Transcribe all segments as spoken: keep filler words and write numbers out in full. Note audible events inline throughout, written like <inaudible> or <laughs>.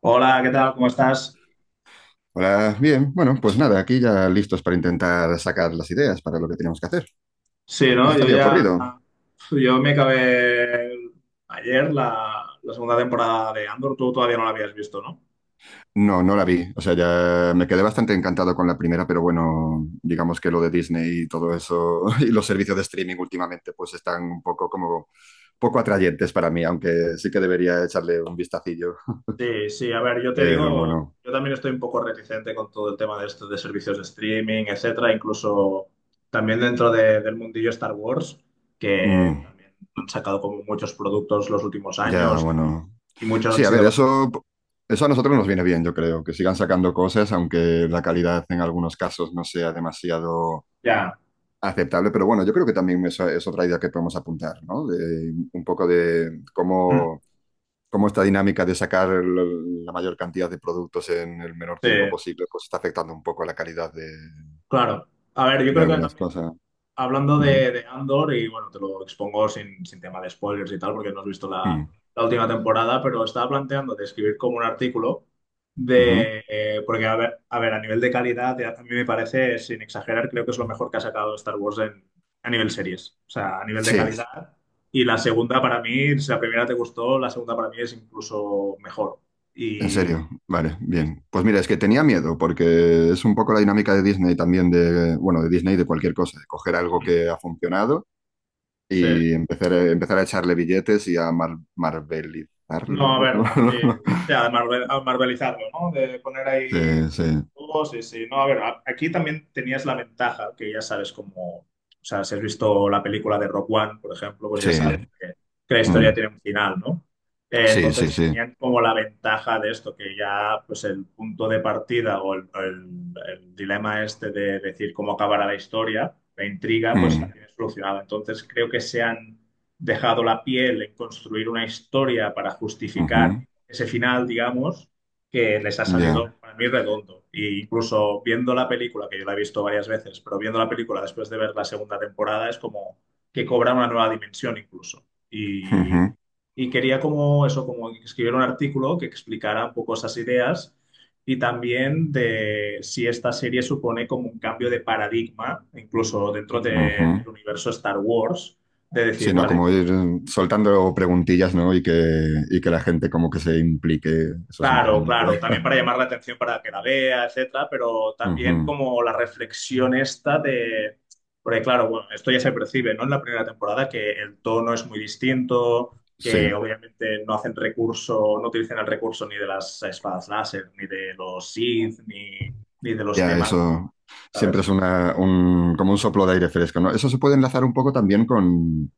Hola, ¿qué tal? ¿Cómo estás? Hola, bien. Bueno, pues nada, aquí ya listos para intentar sacar las ideas para lo que tenemos que hacer. Sí, ¿Qué se ¿no? te Yo había ya, ocurrido? yo me acabé ayer la, la segunda temporada de Andor, tú todavía no la habías visto, ¿no? No, no la vi. O sea, ya me quedé bastante encantado con la primera, pero bueno, digamos que lo de Disney y todo eso <laughs> y los servicios de streaming últimamente pues están un poco como poco atrayentes para mí, aunque sí que debería echarle un vistacillo. Sí, sí, a ver, yo te Pero digo, bueno, yo también estoy un poco reticente con todo el tema de esto, de servicios de streaming, etcétera, incluso también dentro de- del mundillo Star Wars, que mm, también han sacado como muchos productos los últimos ya años bueno. y muchos han Sí, a sido ver, bastante... eso eso a nosotros nos viene bien, yo creo, que sigan sacando cosas, aunque la calidad en algunos casos no sea demasiado Ya, aceptable, pero bueno, yo creo que también esa es otra idea que podemos apuntar, ¿no? De, un poco de <clears throat> cómo, cómo esta dinámica de sacar el- la mayor cantidad de productos en el menor sí, tiempo posible, pues está afectando un poco la calidad de, claro. A ver, yo de creo que algunas también... cosas. hablando Ujú, de, de Andor, y bueno, te lo expongo sin, sin tema de spoilers y tal, porque no has visto la, mm, la última temporada, pero estaba planteando de escribir como un artículo ujú. de, eh, porque a ver, a ver, a nivel de calidad, a mí me parece, sin exagerar, creo que es lo mejor que ha sacado Star Wars en, a nivel series, o sea, a nivel de Sí, calidad. Y la segunda para mí, si la primera te gustó, la segunda para mí es incluso mejor. en Y, serio, vale, y- sí. bien. Pues mira, es que tenía miedo, porque es un poco la dinámica de Disney también, de, bueno, de Disney y de cualquier cosa, de coger algo que ha funcionado Sí, y empezar a, empezar a echarle billetes y a mar- no, a marvelizarlo. ver, <laughs> sí, o sea, de marvel- a marvelizarlo, ¿no? De poner ahí... Sí, sí, todos sí, sí, no, a ver, a- aquí también tenías la ventaja que ya sabes cómo, o sea, si has visto la película de Rock One, por ejemplo, pues sí, ya sabes que, que la historia ujú. tiene un final, ¿no? Eh, sí, sí, Entonces sí, tenían como la ventaja de esto, que ya pues el punto de partida o el, o el- el dilema este de decir cómo acabará la historia, la intriga, pues la ujú, tienes solucionada. Entonces creo que se han dejado la piel en construir una historia para ujú, justificar ese final, digamos, que les ha salido ya, para mí redondo. E incluso viendo la película, que yo la he visto varias veces, pero viendo la película después de ver la segunda temporada es como que cobra una nueva dimensión incluso. Y, ujú, y quería como eso, como escribir un artículo que explicara un poco esas ideas y también de si esta serie supone como un cambio de paradigma, incluso dentro de- ujú. del universo Star Wars, de decir, Sí, no, vale, como ir se soltando preguntillas, ¿no? Y que, y que la gente como que se implique, eso siempre es claro, buena idea. claro, también para llamar la atención para que la vea, etcétera, pero también Ujú, como la reflexión esta de, porque claro, bueno, esto ya se percibe, ¿no? En la primera temporada que el tono es muy distinto, sí, que obviamente no hacen recurso, no utilizan el recurso ni de las espadas láser, ni de los Sith, ni, ni de los ya, temas, eso siempre es ¿sabes? una, un, como un soplo de aire fresco, ¿no? Eso se puede enlazar un poco también con,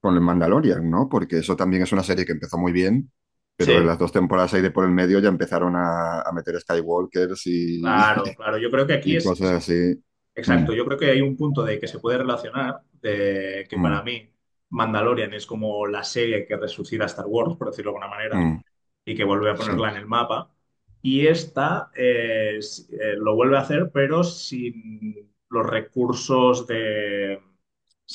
con el Mandalorian, ¿no? Porque eso también es una serie que empezó muy bien, Sí. pero en las dos temporadas ahí de por el medio ya empezaron a, a meter Skywalkers y, Claro, claro, yo creo que aquí y es, cosas es así. Mm, Exacto, yo creo que hay un punto de que se puede relacionar, de que para mm, mí Mandalorian es como la serie que resucita a Star Wars, por decirlo de alguna manera, mm, y que vuelve a sí. ponerla en el mapa. Y esta eh, s- eh, lo vuelve a hacer, pero sin los recursos de,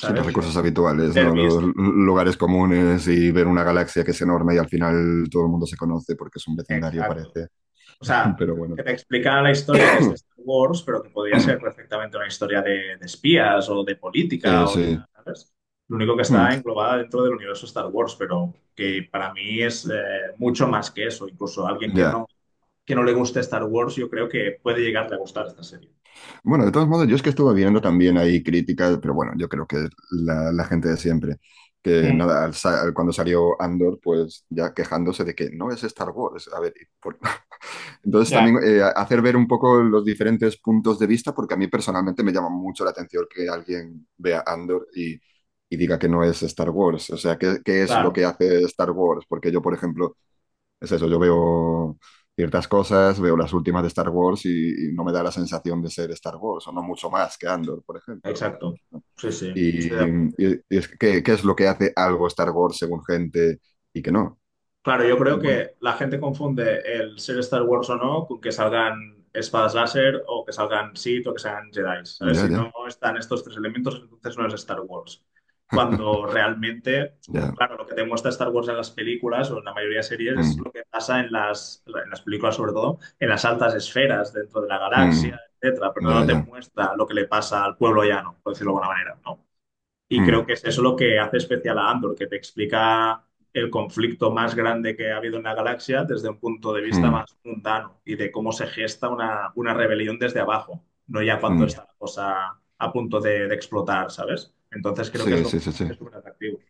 Sí, los De recursos habituales, ¿no? Los fanservice. l- lugares comunes y ver una galaxia que es enorme y al final todo el mundo se conoce porque es un vecindario, Exacto. parece. O sea, <laughs> Pero bueno, que te explicara la historia que es de Star Wars, pero que podría ser perfectamente una historia de, de espías o de sí, política o de- sí. ¿sabes? Lo único que Mm, está englobada dentro del universo Star Wars, pero que para mí es eh, mucho más que eso. Incluso a alguien que ya. no, que no le guste Star Wars, yo creo que puede llegarle a gustar esta serie. Bueno, de todos modos, yo es que estuve viendo también ahí críticas, pero bueno, yo creo que la, la gente de siempre, que Mm, nada, al sa- cuando salió Andor, pues ya quejándose de que no es Star Wars. A ver, por entonces ya. también eh, hacer ver un poco los diferentes puntos de vista, porque a mí personalmente me llama mucho la atención que alguien vea Andor y, y diga que no es Star Wars. O sea, ¿qué, qué es lo Claro, que hace Star Wars? Porque yo, por ejemplo, es eso, yo veo ciertas cosas, veo las últimas de Star Wars y, y no me da la sensación de ser Star Wars, o no mucho más que Andor, por ejemplo. exacto. Sí, sí, estoy de Y, acuerdo. y- y es que, ¿qué, qué es lo que hace algo Star Wars según gente y que no? Claro, yo creo Y bueno, que la gente confunde el ser Star Wars o no con que salgan espadas láser o que salgan Sith o que salgan Jedi, ¿sabes? ya, Si ya, no están estos tres elementos, entonces no es Star Wars. <laughs> Cuando realmente, ya. claro, lo que te muestra Star Wars en las películas o en la mayoría de series es Mm, lo que pasa en las, en las películas, sobre todo, en las altas esferas dentro de la galaxia, mm. etcétera, pero Ya, no te ya. muestra lo que le pasa al pueblo llano, por decirlo de alguna manera, ¿no? Y Hmm, creo que es eso lo que hace especial a Andor, que te explica el conflicto más grande que ha habido en la galaxia desde un punto de vista hmm, más mundano y de cómo se gesta una, una rebelión desde abajo, no ya cuando hmm. Ya. está la cosa a punto de, de explotar, ¿sabes? Entonces creo que es Sí, lo sí, que sí, lo sí. hace súper atractivo.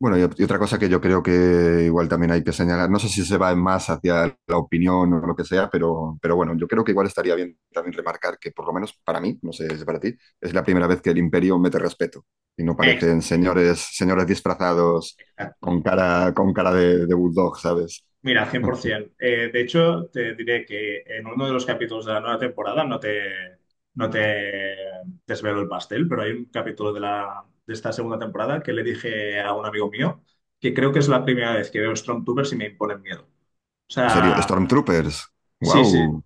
Bueno, y, y otra cosa que yo creo que igual también hay que señalar, no sé si se va más hacia la opinión o lo que sea, pero, pero bueno, yo creo que igual estaría bien también remarcar que por lo menos para mí, no sé si para ti, es la primera vez que el imperio mete respeto y no parecen Exacto. señores, señores disfrazados con cara, con cara de, de bulldog, ¿sabes? Mira, cien por ciento. Eh, de hecho, te diré que en uno de los capítulos de la nueva temporada, no te, no te desvelo el pastel, pero hay un capítulo de, la, de esta segunda temporada que le dije a un amigo mío que creo que es la primera vez que veo Stormtroopers y me imponen miedo. O En serio, sea, Stormtroopers. sí, sí. Wow,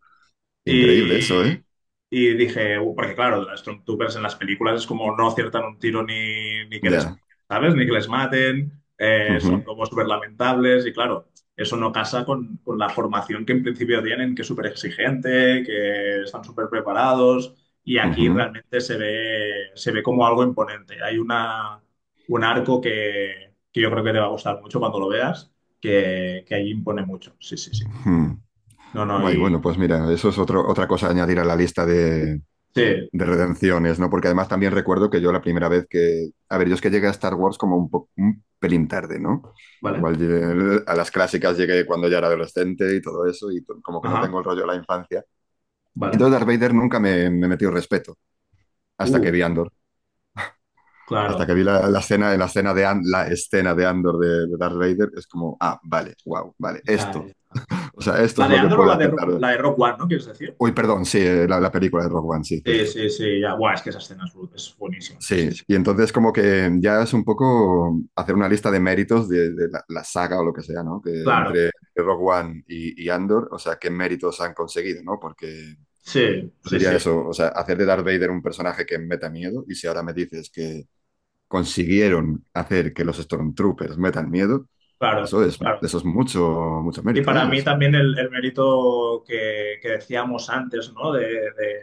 increíble eso, Y, ¿eh? y dije, "Uh", porque claro, los Stormtroopers en las películas es como no aciertan un tiro ni, ni que les, Ya. ¿sabes? Ni que les maten, eh, son Ujú, como súper lamentables y claro, eso no casa con, con la formación que en principio tienen, que es súper exigente, que están súper preparados y aquí ujú, realmente se ve, se ve como algo imponente. Hay una, un arco que, que yo creo que te va a gustar mucho cuando lo veas, que, que ahí impone mucho. Sí, sí, sí. ujú. No, no, Guay, y bueno, pues mira, eso es otro, otra cosa a añadir a la lista de, sí, de redenciones, ¿no? Porque además también recuerdo que yo la primera vez que... A ver, yo es que llegué a Star Wars como un, po- un pelín tarde, ¿no? ¿vale? Igual llegué- a las clásicas llegué cuando ya era adolescente y todo eso, y to- como que no Ajá. tengo el rollo de la infancia. Vale. Entonces Darth Vader nunca me, me metió respeto, hasta Uh, que vi Andor. Hasta claro. que vi la, la escena, la escena de An- la escena de Andor de, de Darth Vader, es como, ah, vale, wow, vale, Ya, esto. ya. O sea, esto La es de lo que Andor o puede la de hacer Rock, Darth Vader. la de Rock One, ¿no? ¿Quieres decir? Uy, perdón, sí, eh, la, la película de Rogue One, sí, Sí, cierto. sí, sí, ya. Buah, es que esa escena es, bru- es buenísima. Sí, Sí, sí. y entonces como que ya es un poco hacer una lista de méritos de, de la, la saga o lo que sea, ¿no? Que Claro. entre Rogue One y, y Andor, o sea, qué méritos han conseguido, ¿no? Porque Sí, yo sí, diría sí. eso, o sea, hacer de Darth Vader un personaje que meta miedo, y si ahora me dices que consiguieron hacer que los Stormtroopers metan miedo, Claro, eso es, claro. eso es mucho, mucho Y mérito, para ¿eh? mí Eso. también el, el mérito que, que decíamos antes, ¿no? De, de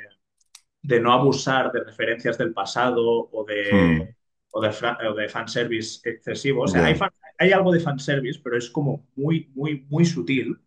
de no abusar de referencias del pasado o de, Hmm, o de, fra- o de fanservice excesivo. O sea, hay, ya. fan- hay algo de fanservice, pero es como muy, muy, muy sutil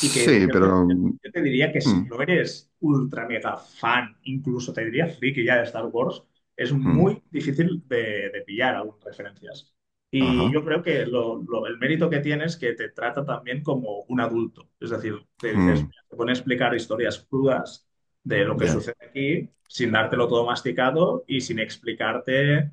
y que yo te, pero... yo te diría que si hmm, no eres ultra mega fan, incluso te diría friki ya de Star Wars, es hmm, muy difícil de, de pillar algunas referencias. Y ajá. yo creo que lo- lo- el mérito que tiene es que te trata también como un adulto. Es decir, te Hmm, dices, te pone a explicar historias crudas de lo que ya. sucede aquí sin dártelo todo masticado y sin explicarte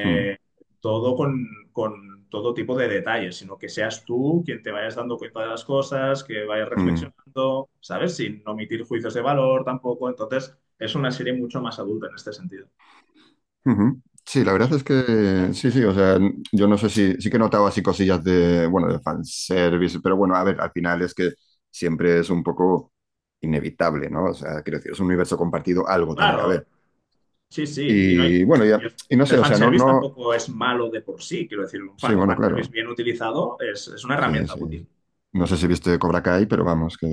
Hmm, todo con, con todo tipo de detalles, sino que seas tú quien te vayas dando cuenta de las cosas, que vayas hmm. reflexionando, ¿sabes? Sin omitir juicios de valor tampoco. Entonces, es una serie mucho más adulta en este sentido. Ujú. Sí, la Y verdad es que sí, sí, o sea, yo no sé si sí que notaba así cosillas de, bueno, de fanservice, pero bueno, a ver, al final es que siempre es un poco inevitable, ¿no? O sea, quiero decir, es un universo compartido, algo tiene que haber. claro, sí, sí, y no hay... Y bueno, y ya, el, y no el sé, o sea, no, fanservice no, tampoco es malo de por sí, quiero decir, un, sí, fan, un bueno, claro, fanservice bien utilizado es, es una sí, herramienta útil. sí. No sé si viste Cobra Kai, pero vamos, que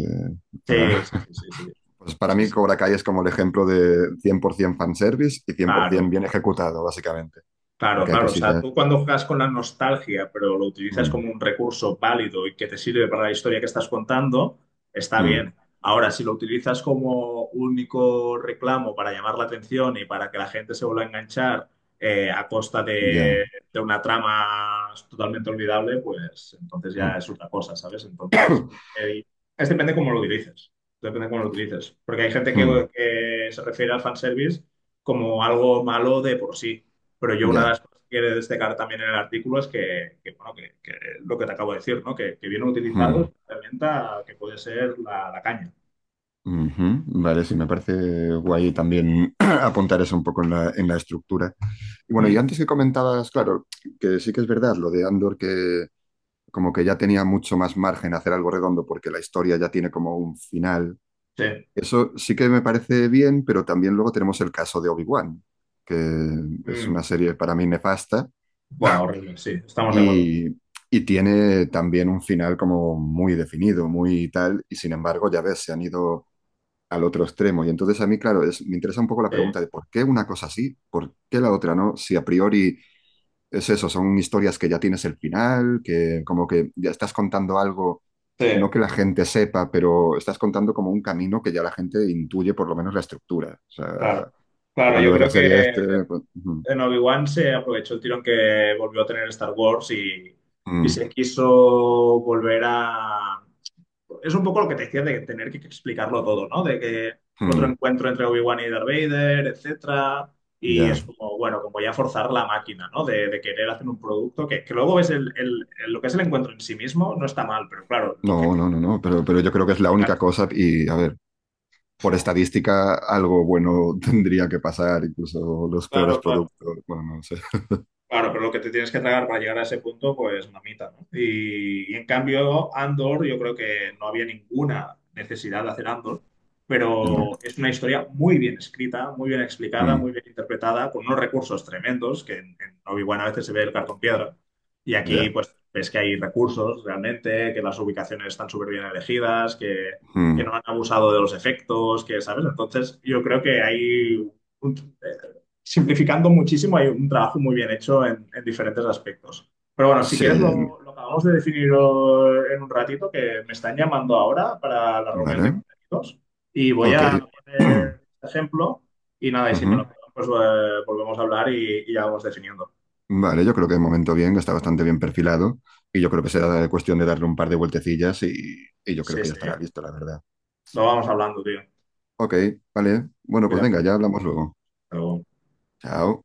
para, Sí, sí, <laughs> sí, sí, sí, pues para sí, mí sí, Cobra Kai es como el ejemplo de cien por ciento fanservice y cien por ciento claro. bien ejecutado, básicamente, Claro, porque hay claro. O sea, cosillas. tú cuando juegas con la nostalgia, pero lo utilizas Mm, como un recurso válido y que te sirve para la historia que estás contando, está mm, bien. Ahora, si lo utilizas como único reclamo para llamar la atención y para que la gente se vuelva a enganchar eh, a costa ya. de, de una trama totalmente olvidable, pues entonces ya es otra cosa, ¿sabes? Entonces, <clears throat> eh, es depende cómo lo utilices. Depende cómo lo utilices. Porque hay gente Hmm, que, que se refiere al fanservice como algo malo de por sí. Pero yo una de ya. las cosas que quiero destacar también en el artículo es que, que, bueno, que, que lo que te acabo de decir, ¿no? Que, que vienen Hmm, utilizados una herramienta que puede ser la, la caña. ujú. Vale, sí, me parece guay también <clears throat> apuntar eso un poco en la, en la estructura. Y bueno, y Mm, antes que comentabas, claro, que sí que es verdad lo de Andor, que como que ya tenía mucho más margen a hacer algo redondo porque la historia ya tiene como un final. sí. Eso sí que me parece bien, pero también luego tenemos el caso de Obi-Wan, que es Mm. una serie para mí nefasta Buah, horrible, sí, estamos de acuerdo. y, y tiene también un final como muy definido, muy tal, y sin embargo, ya ves, se han ido al otro extremo. Y entonces a mí, claro, es, me interesa un poco la Sí, pregunta de por qué una cosa sí, por qué la otra no, si a priori es eso, son historias que ya tienes el final, que como que ya estás contando algo, sí, no que la gente sepa, pero estás contando como un camino que ya la gente intuye por lo menos la estructura. O claro. sea, tú Claro, cuando yo ves la creo serie que este, pues, mm, en Obi-Wan se aprovechó el tirón que volvió a tener Star Wars y, y mm, se quiso volver a, es un poco lo que te decía de tener que explicarlo todo, ¿no? De que otro mm, encuentro entre Obi-Wan y Darth Vader, etcétera. Y ya, es como, bueno, como ya forzar la máquina, ¿no? De, de querer hacer un producto que, que luego ves el, el- el- lo que es el encuentro en sí mismo, no está mal, pero claro, lo que no, te no, no, no, pero, pero yo creo que es la llegar a única ser, cosa y a ver. Por ¡fua! estadística, algo bueno <laughs> tendría que pasar, incluso los peores Claro, claro. productos. Bueno, no sé. Claro, pero lo que te tienes que tragar para llegar a ese punto, pues mamita, ¿no? Y, y en cambio, Andor, yo creo que no había ninguna necesidad de hacer Andor, No, pero es una historia muy bien escrita, muy bien explicada, mm, muy bien interpretada, con unos recursos tremendos, que en, en Obi-Wan a veces se ve el cartón piedra, y aquí ya. pues ves que hay recursos realmente, que las ubicaciones están súper bien elegidas, que, que Mm, no han abusado de los efectos, que, ¿sabes? Entonces, yo creo que hay un- simplificando muchísimo, hay un trabajo muy bien hecho en, en diferentes aspectos. Pero bueno, si sí, quieres lo, lo acabamos de definir eh, en un ratito, que me están llamando ahora para la reunión de vale. contenidos y voy Ok. a <clears throat> poner este ejemplo y nada, y si me Ujú. lo prueban, pues eh, volvemos a hablar y, y ya vamos definiendo. Vale, yo creo que de momento bien, está bastante bien perfilado y yo creo que será cuestión de darle un par de vueltecillas y, y yo creo Sí, que ya sí, estará listo, la verdad. lo vamos hablando, tío. Ok, vale. Bueno, pues venga, Cuídate. ya hablamos luego. Hasta luego. Chao.